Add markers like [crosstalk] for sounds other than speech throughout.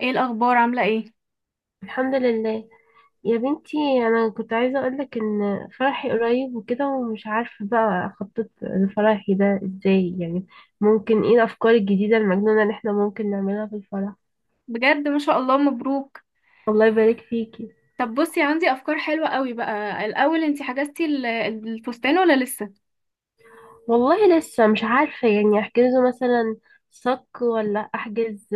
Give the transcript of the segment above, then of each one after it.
ايه الاخبار عامله ايه؟ الحمد لله يا بنتي. انا كنت عايزه اقولك ان فرحي قريب وكده، ومش عارفه بقى اخطط لفرحي ده ازاي، يعني ممكن ايه الافكار الجديده المجنونه اللي احنا ممكن نعملها في الفرح؟ بجد ما شاء الله مبروك. الله يبارك فيكي. طب بصي، عندي افكار حلوه قوي بقى. الاول، انتي حجزتي الفستان ولا لسه؟ والله لسه مش عارفه، يعني احجزه مثلا صك ولا احجز.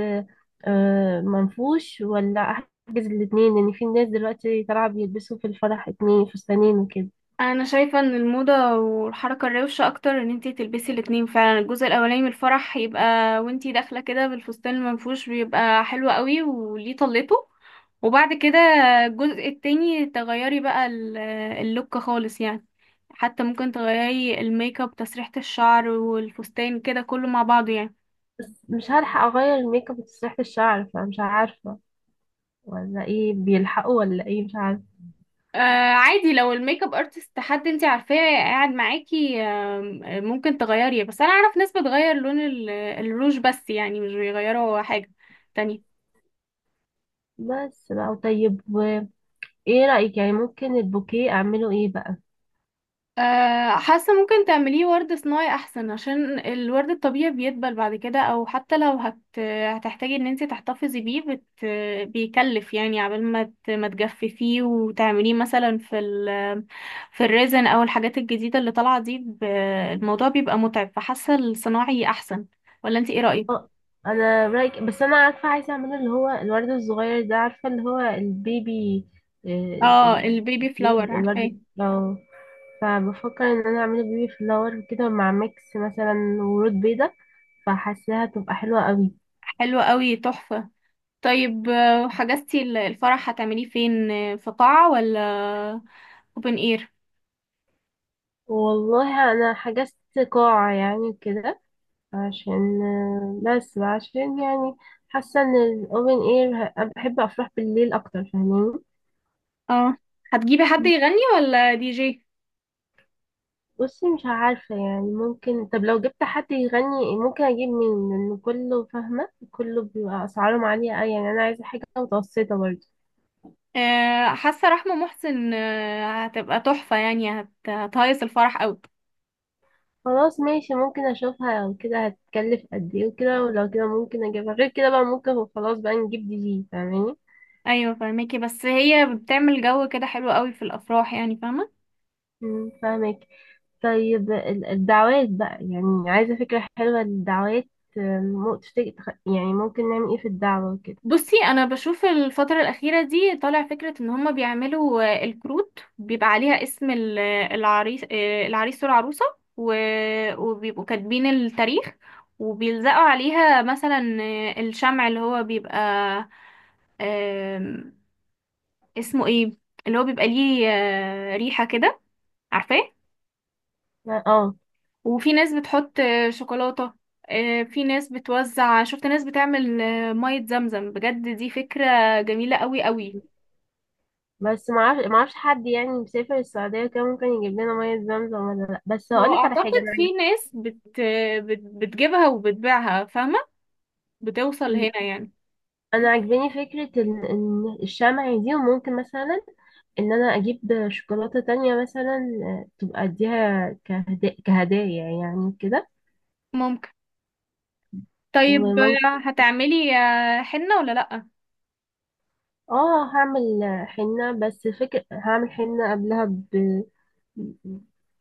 منفوش ولا احجز الاتنين، لان في ناس دلوقتي طالعه بيلبسوا في الفرح 2 فستانين وكده. انا شايفه ان الموضه والحركه الروشه اكتر ان انتي تلبسي الاتنين فعلا. الجزء الاولاني من الفرح يبقى وانتي داخله كده بالفستان المنفوش، بيبقى حلو قوي وليه طلته. وبعد كده الجزء التاني تغيري بقى اللوك خالص يعني. حتى ممكن تغيري الميك اب، تسريحه الشعر، والفستان كده كله مع بعضه يعني. بس مش هلحق اغير الميك اب وتسريحه الشعر، فمش عارفه ولا ايه، بيلحقوا ولا ايه، مش عارف. آه، عادي، لو الميك اب ارتست حد انت عارفاه قاعد معاكي آم، آه، ممكن تغيريه. بس انا اعرف ناس بتغير لون الروج بس، يعني مش بيغيروا حاجة تانية. بس بقى طيب ايه رأيك؟ يعني ممكن البوكيه اعمله ايه بقى؟ حاسه ممكن تعمليه ورد صناعي احسن، عشان الورد الطبيعي بيدبل بعد كده. او حتى لو هتحتاجي ان انت تحتفظي بيه. بيكلف يعني، عبال ما ما تجففيه وتعمليه مثلا في في الريزن او الحاجات الجديده اللي طالعه دي. الموضوع بيبقى متعب، فحاسه الصناعي احسن. ولا انت ايه رايك؟ اه، انا رأيك، بس انا عارفة عايزة اعمله اللي هو الورد الصغير ده، عارفة؟ اللي هو البيبي. آه، اه، ال- البيبي فلاور، عارفاه. الورد، اه. فبفكر ان انا اعمله بيبي فلاور كده مع ميكس، مثلا ورود بيضة، فحاساها تبقى حلوة قوي. حلو قوي، تحفه. طيب، حجزتي الفرح هتعمليه فين؟ في قاعه ولا اوبن اير؟ والله انا حجزت قاعة يعني كده، عشان بس عشان يعني حاسة ان الاوبن اير، بحب افرح بالليل اكتر، فاهماني. اه، هتجيبي حد يغني ولا دي جي؟ بصي مش عارفة يعني، ممكن طب لو جبت حد يغني ممكن أجيب مين؟ لأن كله، فاهمة، كله بيبقى أسعارهم عالية أوي، يعني أنا عايزة حاجة متوسطة برضه. آه، حاسه رحمه محسن آه هتبقى تحفه يعني، هتهيص الفرح قوي. خلاص ماشي، ممكن أشوفها لو كده هتكلف قد إيه وكده، ولو كده ممكن أجيبها، غير كده بقى ممكن خلاص بقى نجيب دي جي، فاهماني؟ ايوه فاهمكي، بس هي بتعمل جو كده حلو قوي في الافراح، يعني فاهمه. فاهمك. طيب الدعوات بقى، يعني عايزة فكرة حلوة للدعوات. تفتكر يعني ممكن نعمل ايه في الدعوة كده؟ بصي، انا بشوف الفتره الاخيره دي طالع فكره ان هما بيعملوا الكروت، بيبقى عليها اسم العريس، العريس والعروسه و... وبيبقوا كاتبين التاريخ، وبيلزقوا عليها مثلا الشمع، اللي هو بيبقى اسمه ايه، اللي هو بيبقى ليه ريحة كده، عارفاه. اه. وفي ناس بتحط شوكولاتة. في ناس بتوزع، شفت ناس بتعمل مية زمزم. بجد دي فكرة جميلة قوي قوي. بس معرفش حد، يعني مسافر السعودية كده ممكن يجيب لنا مية زمزم ولا لأ، بس هو هقولك على حاجة اعتقد أنا في ناس بتجيبها وبتبيعها، فاهمة، بتوصل م، هنا يعني. أنا عاجباني فكرة إن الشمع دي، وممكن مثلا إن أنا أجيب شوكولاتة تانية، مثلا تبقى أديها كهدايا يعني كده، ممكن. طيب، وممكن. هتعملي حنة ولا لأ؟ اه، هعمل حنة، بس فكرة هعمل حنة قبلها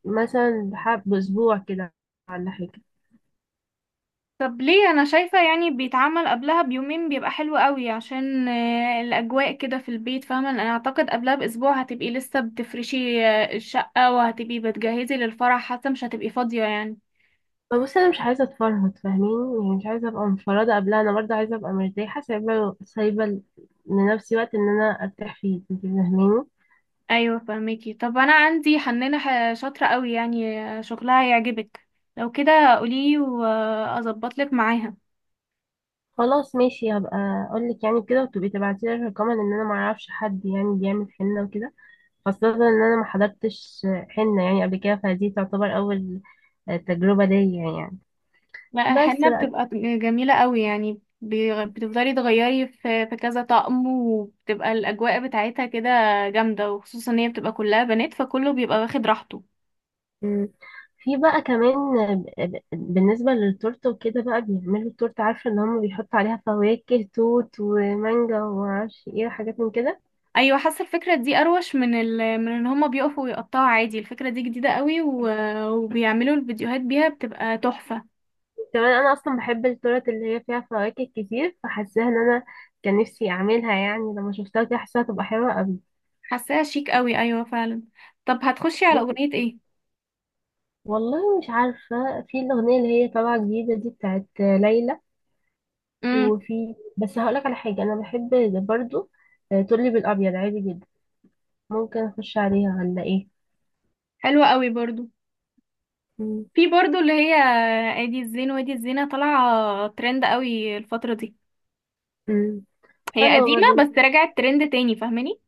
مثلا، بحب بأسبوع كده، ولا حاجة. طب ليه؟ انا شايفة يعني بيتعمل قبلها بيومين بيبقى حلو قوي، عشان الاجواء كده في البيت، فاهمة. انا اعتقد قبلها باسبوع هتبقي لسه بتفرشي الشقة، وهتبقي بتجهزي للفرح، حتى مش هتبقي فاضية يعني. فبص أنا مش عايزة أتفرهد، فاهمين؟ يعني مش عايزة أبقى مفرهدة قبلها، أنا برضه عايزة أبقى مرتاحة، سايبة سايبة لنفسي وقت إن أنا أرتاح فيه، أنت فاهماني. ايوه فهميكي. طب انا عندي حنانة شاطرة قوي يعني، شغلها هيعجبك. لو كده قولي واظبط لك معاها. خلاص ماشي، هبقى أقولك يعني كده، وتبقي تبعتيلي رقما، إن أنا معرفش حد يعني بيعمل حنة وكده، خاصة إن أنا محضرتش حنة يعني قبل كده، فدي تعتبر أول تجربة ليا يعني. ما بس الحنة بتبقى جميلة قوي يعني، بتفضلي تغيري في كذا طقم، وبتبقى الأجواء بتاعتها كده جامدة، وخصوصا ان هي بتبقى كلها بنات فكله بيبقى واخد راحته. بقى، في بقى كمان، بالنسبة للتورتة وكده بقى، بيعملوا التورتة عارفة ان هم بيحطوا عليها فواكه توت ومانجا ومعرفش ايه، وحاجات من كده. ايوه حاسة الفكرة دي اروش من من ان هما بيقفوا ويقطعوا عادي. الفكرة دي جديدة قوي وبيعملوا الفيديوهات بيها بتبقى تحفة. كمان انا اصلا بحب التورت اللي هي فيها فواكه كتير، فحاساها ان انا كان نفسي اعملها، يعني لما شفتها كده حاساها تبقى حلوة قوي. حاساها شيك قوي، ايوه فعلا. طب هتخشي على بس أغنية ايه؟ والله مش عارفة، في الأغنية اللي هي طالعة جديدة دي بتاعت ليلى، امم، وفي بس هقولك على حاجة أنا بحب برضو، تقولي بالأبيض عادي جدا ممكن أخش عليها ولا إيه؟ حلوة قوي برضو. في برضو اللي هي ادي الزين وادي الزينة، طالعة ترند قوي الفترة دي. مم. هي حلوة قديمة برضو. بس رجعت ترند تاني، فاهماني.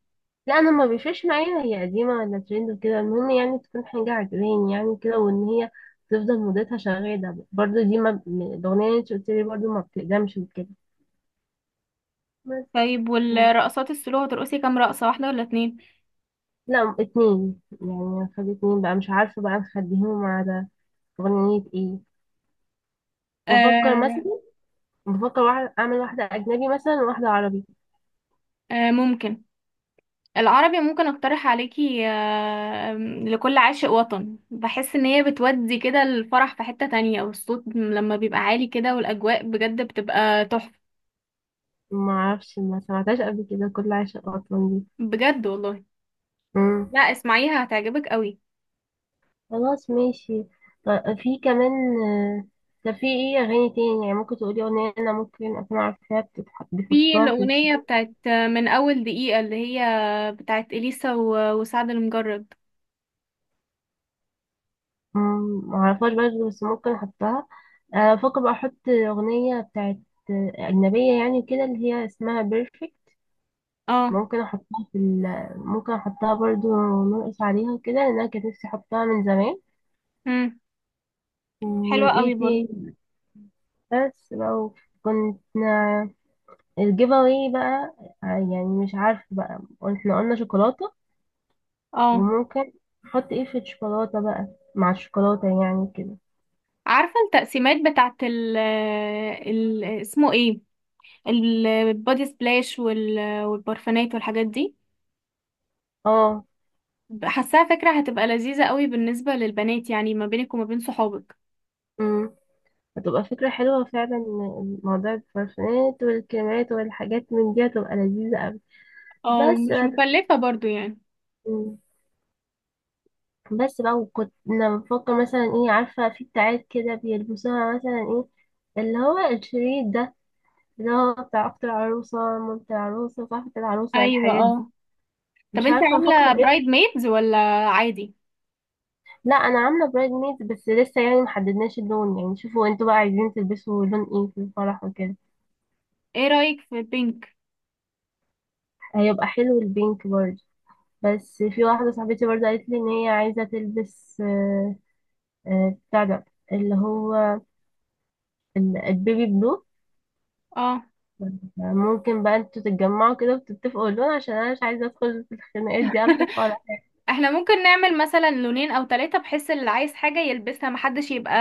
لا، انا ما بيفرقش معايا هي قديمة ولا ترند وكده، المهم يعني تكون حاجة عجباني يعني كده، وان هي تفضل مدتها شغالة برضو، دي ما الاغنية اللي انت قلت لي برضو ما بتقدمش وكده بس. طيب مم. والرقصات السلو هترقصي كام رقصة، واحدة ولا اتنين؟ لا اتنين يعني، هنخلي اتنين بقى، مش عارفة بقى نخليهم على اغنية ايه. بفكر آه. مثلا، بفكر واحد اعمل واحدة اجنبي مثلا وواحدة عربي. آه ممكن. العربي ممكن اقترح عليكي آه لكل عاشق وطن، بحس ان هي بتودي كده الفرح في حتة تانية، والصوت لما بيبقى عالي كده والاجواء بجد بتبقى تحفة. ما اعرفش، ما سمعتهاش قبل كده، كل عشق اطلال دي؟ بجد والله. مم. لا، اسمعيها هتعجبك قوي. خلاص ماشي. طيب، في كمان، آه، طب في ايه اغاني تاني؟ يعني ممكن تقولي اغنية انا ممكن اكون عارفاها، في بيحطوها في الأغنية بتاعت من أول دقيقة، اللي هي بتاعت إليسا وسعد المجرد. معرفهاش برضه، بس ممكن احطها. بفكر بقى احط اغنية بتاعت اجنبية، يعني كده اللي هي اسمها بيرفكت. اه. ممكن احطها ممكن احطها برضه نرقص عليها كده، لان انا كانت نفسي احطها من زمان. مم. حلوة قوي وايه برضه. تاني؟ بس لو كنت الجيف اواي بقى، يعني مش عارفه بقى. احنا قلنا شوكولاته، اه، وممكن نحط ايه في الشوكولاته بقى، مع الشوكولاته يعني كده. عارفة التقسيمات بتاعت ال، ال اسمه ايه، البودي سبلاش وال- والبرفانات والحاجات دي. اه. حاساها فكرة هتبقى لذيذة قوي بالنسبة للبنات، يعني ما بينك وما بين صحابك. امم هتبقى فكره حلوه فعلا، إن موضوع البارفانات والكريمات والحاجات من دي هتبقى لذيذه قوي. اه بس مش بقى- مكلفة برضو يعني. مم. بس بقى، وكنت انا بفكر مثلا ايه؟ عارفه في بتاعات كده بيلبسوها مثلا ايه، اللي هو الشريط ده، اللي هو بتاع اخت العروسه، مامة العروسه، صاحبة العروسه، ايوه، الحاجات دي. اه. طب مش انت عارفة أفكر. عاملة برايد ميدز ولا عادي؟ لا، انا عامله برايد ميد بس لسه، يعني محددناش اللون، يعني شوفوا انتوا بقى عايزين تلبسوا لون ايه في الفرح وكده. ايه رأيك في بينك؟ هيبقى حلو البينك برضه، بس في واحده صاحبتي برضه قالت لي ان هي عايزه تلبس بتاع ده، اللي هو البيبي بلو. اه. ممكن بقى انتوا تتجمعوا كده وتتفقوا اللون، عشان انا مش عايزه ادخل في الخناقات دي قبل الفرح. [laughs] احنا ممكن نعمل مثلا لونين او ثلاثة، بحيث اللي عايز حاجة يلبسها، محدش يبقى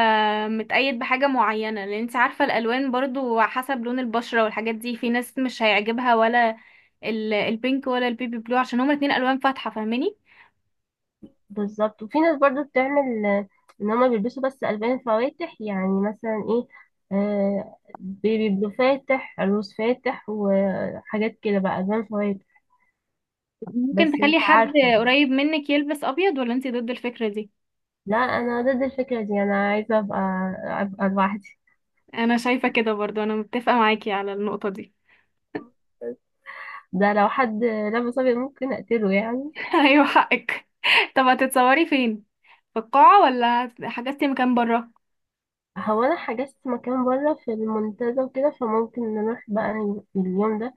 متقيد بحاجة معينة، لان انت عارفة الالوان برضو حسب لون البشرة والحاجات دي، في ناس مش هيعجبها ولا البينك ولا البيبي بلو، عشان هما الاتنين الوان فاتحة فاهماني. بالظبط. وفي ناس برضو بتعمل، ان هما بيلبسوا بس الوان فواتح، يعني مثلا ايه، بيبي بلو فاتح، روز فاتح، وحاجات كده، بقى الوان فواتح. ممكن بس مش تخلي حد عارفه. قريب منك يلبس ابيض، ولا انت ضد الفكرة دي؟ لا، انا ضد الفكره دي، انا عايزه ابقى لوحدي. انا شايفة كده برضو، انا متفقة معاكي على النقطة دي. ده لو حد لابس ابيض ممكن اقتله يعني. [laughs] ايوه حقك. طب هتتصوري فين، في القاعة ولا حجزتي مكان برا؟ هو انا حجزت مكان بره في المنتزه وكده، فممكن نروح بقى اليوم ده،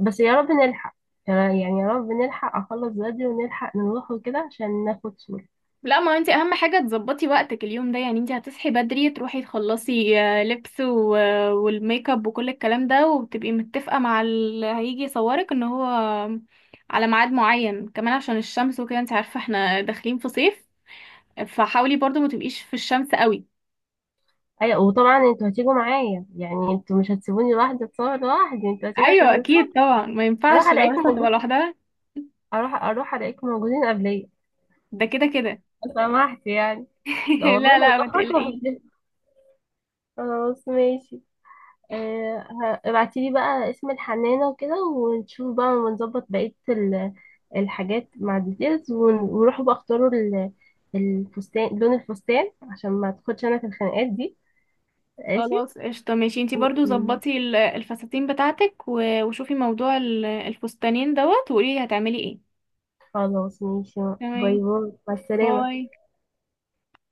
بس يا رب نلحق. يعني يا رب نلحق اخلص بدري، ونلحق نروح وكده عشان ناخد صورة. لا، ما انت اهم حاجة تظبطي وقتك اليوم ده يعني. انت هتصحي بدري، تروحي تخلصي لبس و والميك اب وكل الكلام ده، وبتبقي متفقة مع اللي هيجي يصورك ان هو على ميعاد معين، كمان عشان الشمس وكده، انت عارفة احنا داخلين في صيف، فحاولي برضو ما تبقيش في الشمس قوي. ايوه، وطبعا انتوا هتيجوا معايا، يعني انتوا مش هتسيبوني لوحدي اتصور لوحدي، انتوا هتيجوا ايوه عشان نتصور. اكيد طبعا، ما اروح ينفعش الاقيكم العروسة تبقى موجود. لوحدها. اروح الاقيكم موجودين قبليا، ده كده كده. لو سمحت يعني. لا [laughs] والله، لا لو لا، ما اتاخرت تقلقيش. خلاص ماشي. آه، ابعتيلي بقى اسم الحنانة وكده، ونشوف بقى، ونظبط بقية الحاجات مع الديتيلز، ونروحوا بقى اختاروا الفستان، لون الفستان، عشان ما تاخدش انا في الخناقات دي. ماشي. خلاص قشطة، ماشي. انتي و- برضو ظبطي الفساتين بتاعتك و وشوفي موضوع الفستانين دوت، وقولي هتعملي ايه. خلاص ماشي. باي تمام. باي، مع السلامة. باي.